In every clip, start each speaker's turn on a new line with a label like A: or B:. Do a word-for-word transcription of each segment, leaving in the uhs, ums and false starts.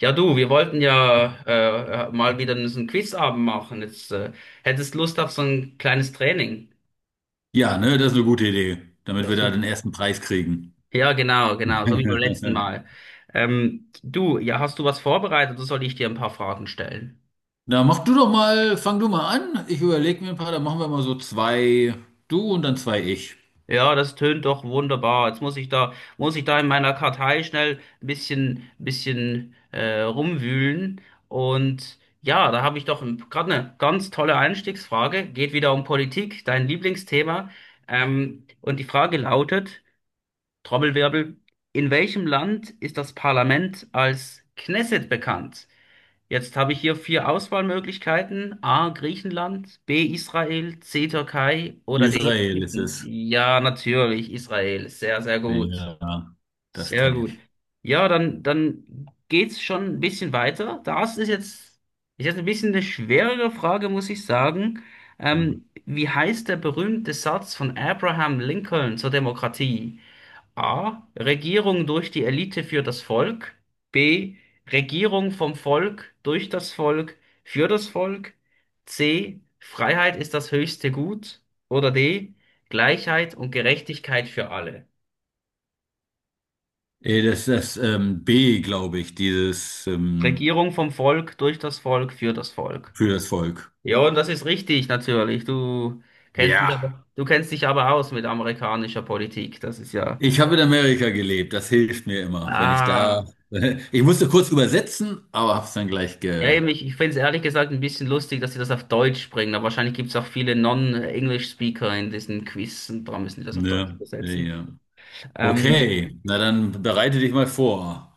A: Ja, du, wir wollten ja äh, äh, mal wieder so einen Quizabend machen. Jetzt äh, hättest Lust auf so ein kleines Training.
B: Ja, ne, das ist eine gute Idee, damit
A: Ja,
B: wir da den
A: super.
B: ersten Preis kriegen.
A: Ja, genau, genau, so wie beim letzten Mal. Ähm, du, ja, hast du was vorbereitet oder soll ich dir ein paar Fragen stellen?
B: Na, mach du doch mal, fang du mal an. Ich überlege mir ein paar, dann machen wir mal so zwei du und dann zwei ich.
A: Ja, das tönt doch wunderbar. Jetzt muss ich da, muss ich da in meiner Kartei schnell ein bisschen, bisschen äh, rumwühlen. Und ja, da habe ich doch gerade eine ganz tolle Einstiegsfrage. Geht wieder um Politik, dein Lieblingsthema. Ähm, und die Frage lautet, Trommelwirbel, in welchem Land ist das Parlament als Knesset bekannt? Jetzt habe ich hier vier Auswahlmöglichkeiten: A, Griechenland, B, Israel, C, Türkei oder D,
B: Israel ist
A: Ägypten.
B: es.
A: Ja, natürlich, Israel. Sehr, sehr gut.
B: Ja, das
A: Sehr
B: kenne
A: gut.
B: ich.
A: Ja, dann, dann geht's schon ein bisschen weiter. Das ist jetzt, ist jetzt ein bisschen eine schwerere Frage, muss ich sagen.
B: Ja.
A: Ähm, wie heißt der berühmte Satz von Abraham Lincoln zur Demokratie? A. Regierung durch die Elite für das Volk. B. Regierung vom Volk, durch das Volk, für das Volk. C. Freiheit ist das höchste Gut. Oder D. Gleichheit und Gerechtigkeit für alle.
B: Äh, Das ist das ähm, B, glaube ich, dieses ähm,
A: Regierung vom Volk, durch das Volk, für das Volk.
B: für das Volk.
A: Ja, und das ist richtig, natürlich. Du kennst dich
B: Ja,
A: aber, du kennst dich aber aus mit amerikanischer Politik. Das ist ja.
B: ich habe in Amerika gelebt, das hilft mir immer, wenn ich da.
A: Ah.
B: Ich musste kurz übersetzen, aber habe es dann gleich
A: Ja,
B: ge.
A: eben, ich, ich finde es ehrlich gesagt ein bisschen lustig, dass sie das auf Deutsch bringen, aber wahrscheinlich gibt es auch viele Non-English-Speaker in diesen Quiz und darum müssen die das auf Deutsch
B: Ja,
A: übersetzen.
B: ja.
A: Ähm,
B: Okay, na dann bereite dich mal vor.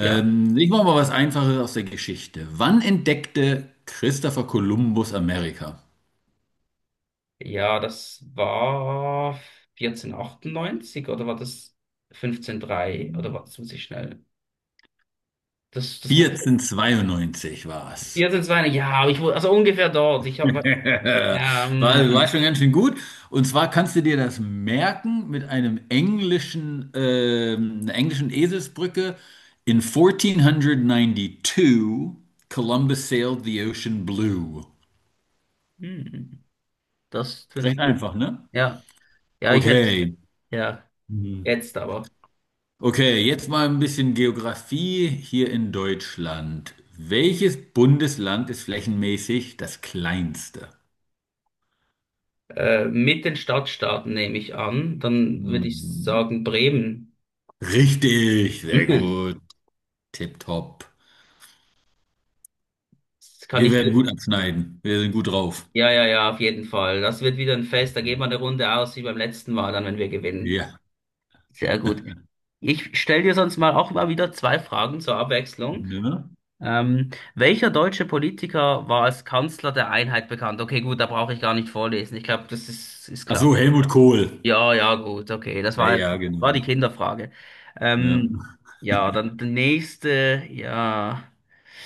A: ja.
B: ich mache mal was Einfaches aus der Geschichte. Wann entdeckte Christopher Columbus Amerika?
A: Ja, das war vierzehnhundertachtundneunzig oder war das fünfzehnhundertdrei oder war das muss ich schnell. Das, das muss
B: vierzehnhundertzweiundneunzig war es.
A: vierzehnhundertzweiundneunzig, ja, aber ich wurde, also ungefähr dort. Ich habe,
B: War,
A: ja, ähm,
B: war schon ganz schön gut. Und zwar kannst du dir das merken mit einem englischen, ähm, einer englischen Eselsbrücke. In fourteen ninety-two, Columbus sailed the ocean blue.
A: hm, das, fünf-
B: Recht einfach, ne?
A: ja, ja, ich hätte,
B: Okay.
A: ja, jetzt aber.
B: Okay, jetzt mal ein bisschen Geografie hier in Deutschland. Welches Bundesland ist flächenmäßig das kleinste?
A: Äh, mit den Stadtstaaten nehme ich an. Dann würde ich
B: Mhm.
A: sagen Bremen.
B: Richtig, sehr gut. Tipptopp.
A: Das kann
B: Wir
A: ich
B: werden
A: dir.
B: gut abschneiden. Wir sind gut drauf.
A: Ja, ja, ja, auf jeden Fall. Das wird wieder ein Fest. Da gehen wir eine Runde aus wie beim letzten Mal, dann wenn wir gewinnen.
B: Ja.
A: Sehr gut. Ich stelle dir sonst mal auch mal wieder zwei Fragen zur Abwechslung.
B: Ne?
A: Ähm, welcher deutsche Politiker war als Kanzler der Einheit bekannt? Okay, gut, da brauche ich gar nicht vorlesen. Ich glaube, das ist, ist
B: Ach
A: klar.
B: so, Helmut Kohl.
A: Ja, ja, gut, okay. Das
B: Ja,
A: war,
B: ja,
A: war die
B: genau.
A: Kinderfrage.
B: Ne?
A: Ähm, ja, dann die nächste, ja.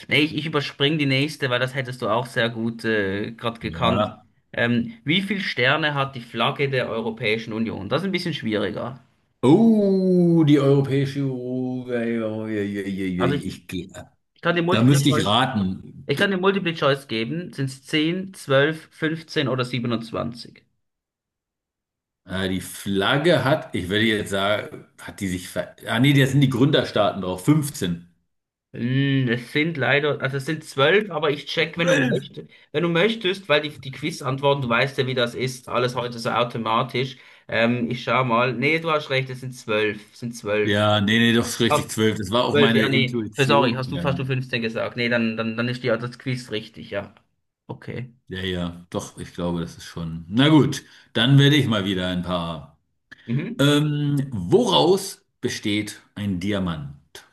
A: Nee, ich, ich überspringe die nächste, weil das hättest du auch sehr gut äh, gerade gekannt.
B: Ja.
A: Ähm, wie viele Sterne hat die Flagge der Europäischen Union? Das ist ein bisschen schwieriger.
B: Oh, die Europäische Union.
A: Also ich,
B: Ich, geh-
A: ich, ich kann dir
B: da
A: Multiple
B: müsste ich
A: Choice,
B: raten.
A: ich kann dir Multiple Choice geben. Sind es zehn, zwölf, fünfzehn oder siebenundzwanzig?
B: Äh, die Flagge hat, ich würde jetzt sagen, hat die sich ver... Ah nee, da sind die Gründerstaaten drauf, fünfzehn.
A: Hm, es sind leider, also es sind zwölf, aber ich check, wenn du
B: zwölf.
A: möchtest, wenn du möchtest, weil die, die Quiz-Antworten, du weißt ja, wie das ist, alles heute so automatisch. Ähm, ich schau mal. Nee, du hast recht, es sind zwölf, es sind zwölf.
B: Ja, nee, nee, doch ist
A: Ach,
B: richtig, zwölf. Das war auch
A: zwölf,
B: meine
A: ja, nee. Für- Sorry,
B: Intuition.
A: hast du
B: Ja,
A: fast du fünfzehn gesagt. Nee, dann, dann, dann ist die, das Quiz richtig, ja. Okay.
B: ja, ja, doch, ich glaube, das ist schon. Na gut, dann werde ich mal wieder ein paar.
A: Mhm.
B: Ähm, woraus besteht ein Diamant?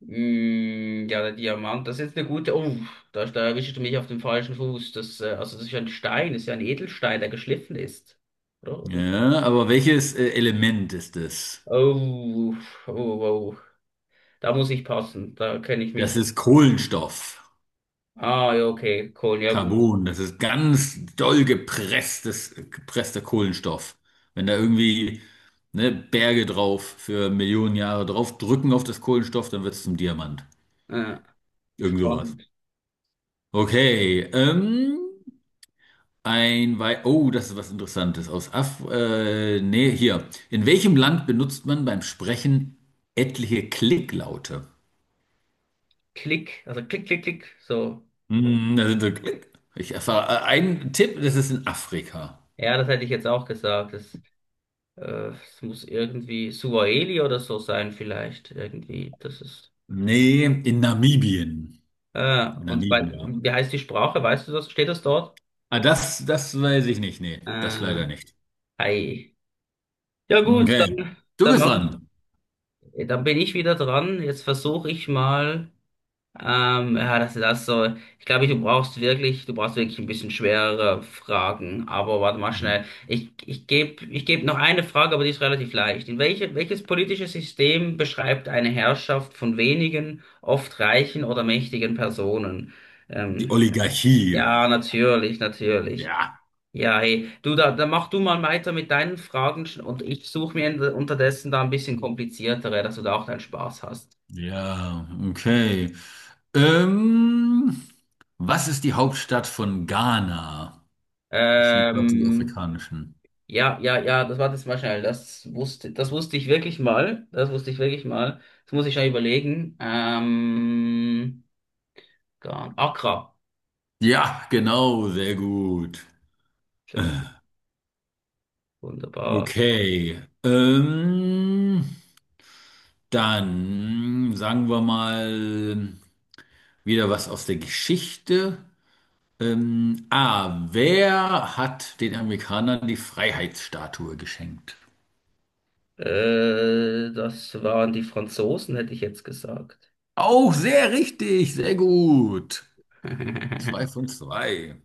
A: Mm, ja, der Diamant, das ist jetzt eine gute. Oh, da, da erwischst du mich auf dem falschen Fuß. Das, äh, also das ist ja ein Stein, das ist ja ein Edelstein, der geschliffen ist. Oder?
B: Ja, aber welches äh, Element ist es?
A: Oh, oh, oh. Da muss ich passen. Da kenne ich
B: Das
A: mich.
B: ist Kohlenstoff.
A: Ah, ja, okay. Cool, ja, gut.
B: Carbon, das ist ganz doll gepresstes, gepresster Kohlenstoff. Wenn da irgendwie ne, Berge drauf für Millionen Jahre drauf drücken auf das Kohlenstoff, dann wird es zum Diamant.
A: Ja,
B: Irgend sowas.
A: spannend.
B: Okay, ähm, ein Wei Oh, das ist was Interessantes aus Af äh, nee, hier. In welchem Land benutzt man beim Sprechen etliche Klicklaute?
A: Klick, also klick, klick, klick. So.
B: Hm, da sind so Klick. Ich erfahre äh, einen Tipp, das ist in Afrika.
A: Ja, das hätte ich jetzt auch gesagt. Das, äh, es muss irgendwie Suaheli oder so sein, vielleicht. Irgendwie. Das ist.
B: Nee, in Namibien.
A: Ah, und wei-
B: Namibia.
A: wie heißt die Sprache? Weißt du das? Steht das dort?
B: Ah, das, das weiß ich nicht. Nee, das
A: Äh,
B: leider nicht.
A: ei. Ja, gut,
B: Okay.
A: dann,
B: Du
A: dann
B: bist
A: mach ich,
B: dran.
A: dann bin ich wieder dran. Jetzt versuche ich mal. Ähm, ja, das ist das so. Ich glaube, du brauchst wirklich, du brauchst wirklich ein bisschen schwerere Fragen. Aber warte mal schnell. Ich, ich gebe, ich geb noch eine Frage, aber die ist relativ leicht. In welche, welches politische System beschreibt eine Herrschaft von wenigen, oft reichen oder mächtigen Personen?
B: Die
A: Ähm,
B: Oligarchie.
A: ja, natürlich, natürlich.
B: Ja.
A: Ja, hey, du, da, da mach du mal weiter mit deinen Fragen sch- und ich suche mir in- unterdessen da ein bisschen kompliziertere, dass du da auch deinen Spaß hast.
B: Ja, okay. Ähm, was ist die Hauptstadt von Ghana? Ich liebe gerade die
A: Ähm,
B: afrikanischen.
A: Ja, ja, ja, das war das mal schnell. Das wusste, das wusste ich wirklich mal. Das wusste ich wirklich mal. Das muss ich schnell überlegen. Ähm, Gan- Accra.
B: Ja, genau, sehr gut.
A: Sehr gut, wunderbar.
B: Okay. Ähm, dann sagen wir mal wieder was aus der Geschichte. Ähm, A. Wer hat den Amerikanern die Freiheitsstatue geschenkt?
A: Äh, das waren die Franzosen, hätte ich jetzt gesagt.
B: Auch sehr richtig, sehr gut. Zwei von zwei.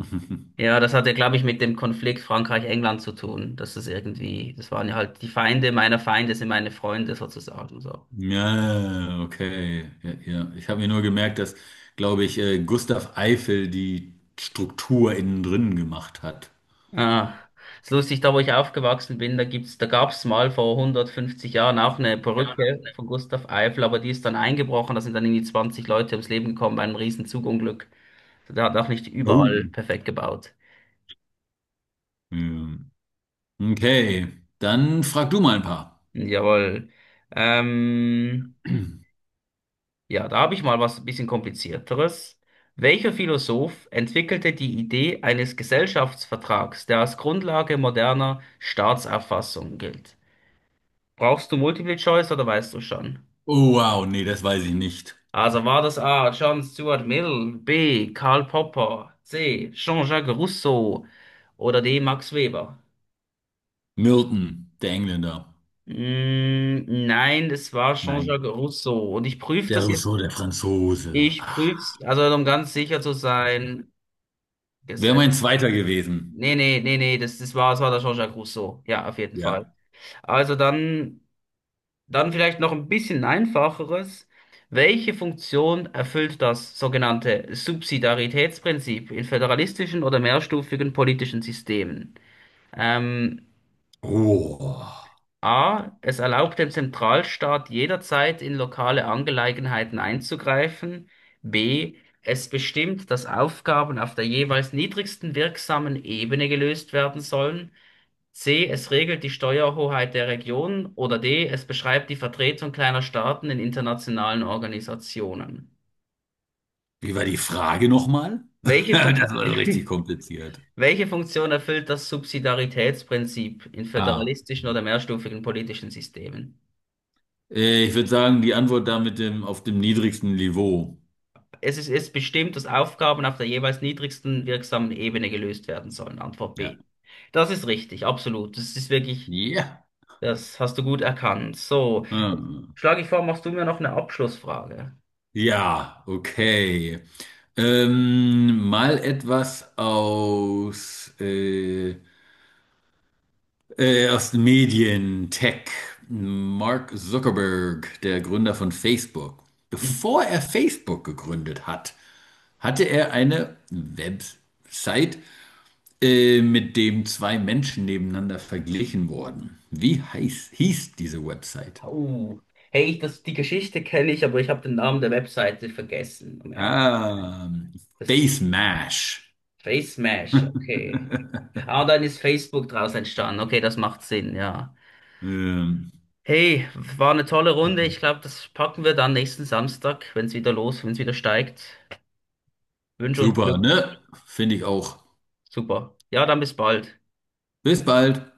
A: Ja, das hatte, glaube ich, mit dem Konflikt Frankreich-England zu tun. Dass das irgendwie, das waren ja halt die Feinde meiner Feinde sind meine Freunde sozusagen. So.
B: Ja, okay. Ja, ja. Ich habe mir nur gemerkt, dass, glaube ich, äh, Gustav Eiffel die Struktur innen drin gemacht hat.
A: Ah, ist lustig, da wo ich aufgewachsen bin, da gibt's, da gab's mal vor hundertfünfzig Jahren auch eine
B: Ja.
A: Perücke von Gustav Eiffel, aber die ist dann eingebrochen, da sind dann irgendwie zwanzig Leute ums Leben gekommen bei einem riesen Zugunglück. Der hat auch nicht überall
B: Oh.
A: perfekt gebaut.
B: Ja. Okay, dann frag du mal ein paar.
A: Hm, jawohl. Ähm, ja, da habe ich mal was ein bisschen komplizierteres. Welcher Philosoph entwickelte die Idee eines Gesellschaftsvertrags, der als Grundlage moderner Staatsauffassung gilt? Brauchst du Multiple Choice oder weißt du schon?
B: Oh, wow, nee, das weiß ich nicht.
A: Also war das A. John Stuart Mill, B. Karl Popper, C. Jean-Jacques Rousseau oder D. Max Weber?
B: Milton, der Engländer.
A: Mm, nein, es war Jean-Jacques
B: Nein.
A: Rousseau. Und ich prüfe
B: Der
A: das jetzt.
B: Rousseau, der Franzose.
A: Ich prüf's, also um ganz sicher zu sein.
B: Wäre
A: Gesetz.
B: mein zweiter gewesen.
A: Nee, nee, nee, nee, das, das war, das war der Jean-Jacques Rousseau. Ja, auf jeden Fall.
B: Ja.
A: Also dann. Dann vielleicht noch ein bisschen einfacheres. Welche Funktion erfüllt das sogenannte Subsidiaritätsprinzip in föderalistischen oder mehrstufigen politischen Systemen? Ähm,
B: Oh.
A: A. Es erlaubt dem Zentralstaat jederzeit in lokale Angelegenheiten einzugreifen. B. Es bestimmt, dass Aufgaben auf der jeweils niedrigsten wirksamen Ebene gelöst werden sollen. C. Es regelt die Steuerhoheit der Region. Oder D. Es beschreibt die Vertretung kleiner Staaten in internationalen Organisationen.
B: Wie war die Frage nochmal?
A: Welche Fun-
B: Das war so richtig kompliziert.
A: Welche Funktion erfüllt das Subsidiaritätsprinzip in
B: Ah.
A: föderalistischen oder mehrstufigen politischen Systemen?
B: Äh, ich würde sagen, die Antwort da mit dem auf dem niedrigsten Niveau.
A: Es ist, es bestimmt, dass Aufgaben auf der jeweils niedrigsten wirksamen Ebene gelöst werden sollen. Antwort
B: Ja.
A: B. Das ist richtig, absolut. Das ist wirklich,
B: Ja.
A: das hast du gut erkannt. So,
B: Hm.
A: schlage ich vor, machst du mir noch eine Abschlussfrage?
B: Ja, okay. Ähm, mal etwas aus äh, Äh, aus den Medien, Tech, Mark Zuckerberg, der Gründer von Facebook. Bevor er Facebook gegründet hat, hatte er eine Website, äh, mit dem zwei Menschen nebeneinander verglichen wurden. Wie heiß, hieß diese Website?
A: Uh. Hey, ich, das, die Geschichte kenne ich, aber ich habe den Namen der Webseite vergessen, um ehrlich zu sein.
B: Ah,
A: Das
B: Face Mash.
A: Face Smash, okay. Ah, dann ist Facebook draus entstanden. Okay, das macht Sinn, ja.
B: Ähm,
A: Hey, war eine tolle Runde. Ich glaube, das packen wir dann nächsten Samstag, wenn es wieder los, wenn es wieder steigt. Wünsche uns
B: super,
A: Glück.
B: ne? Finde ich auch.
A: Super. Ja, dann bis bald.
B: Bis bald.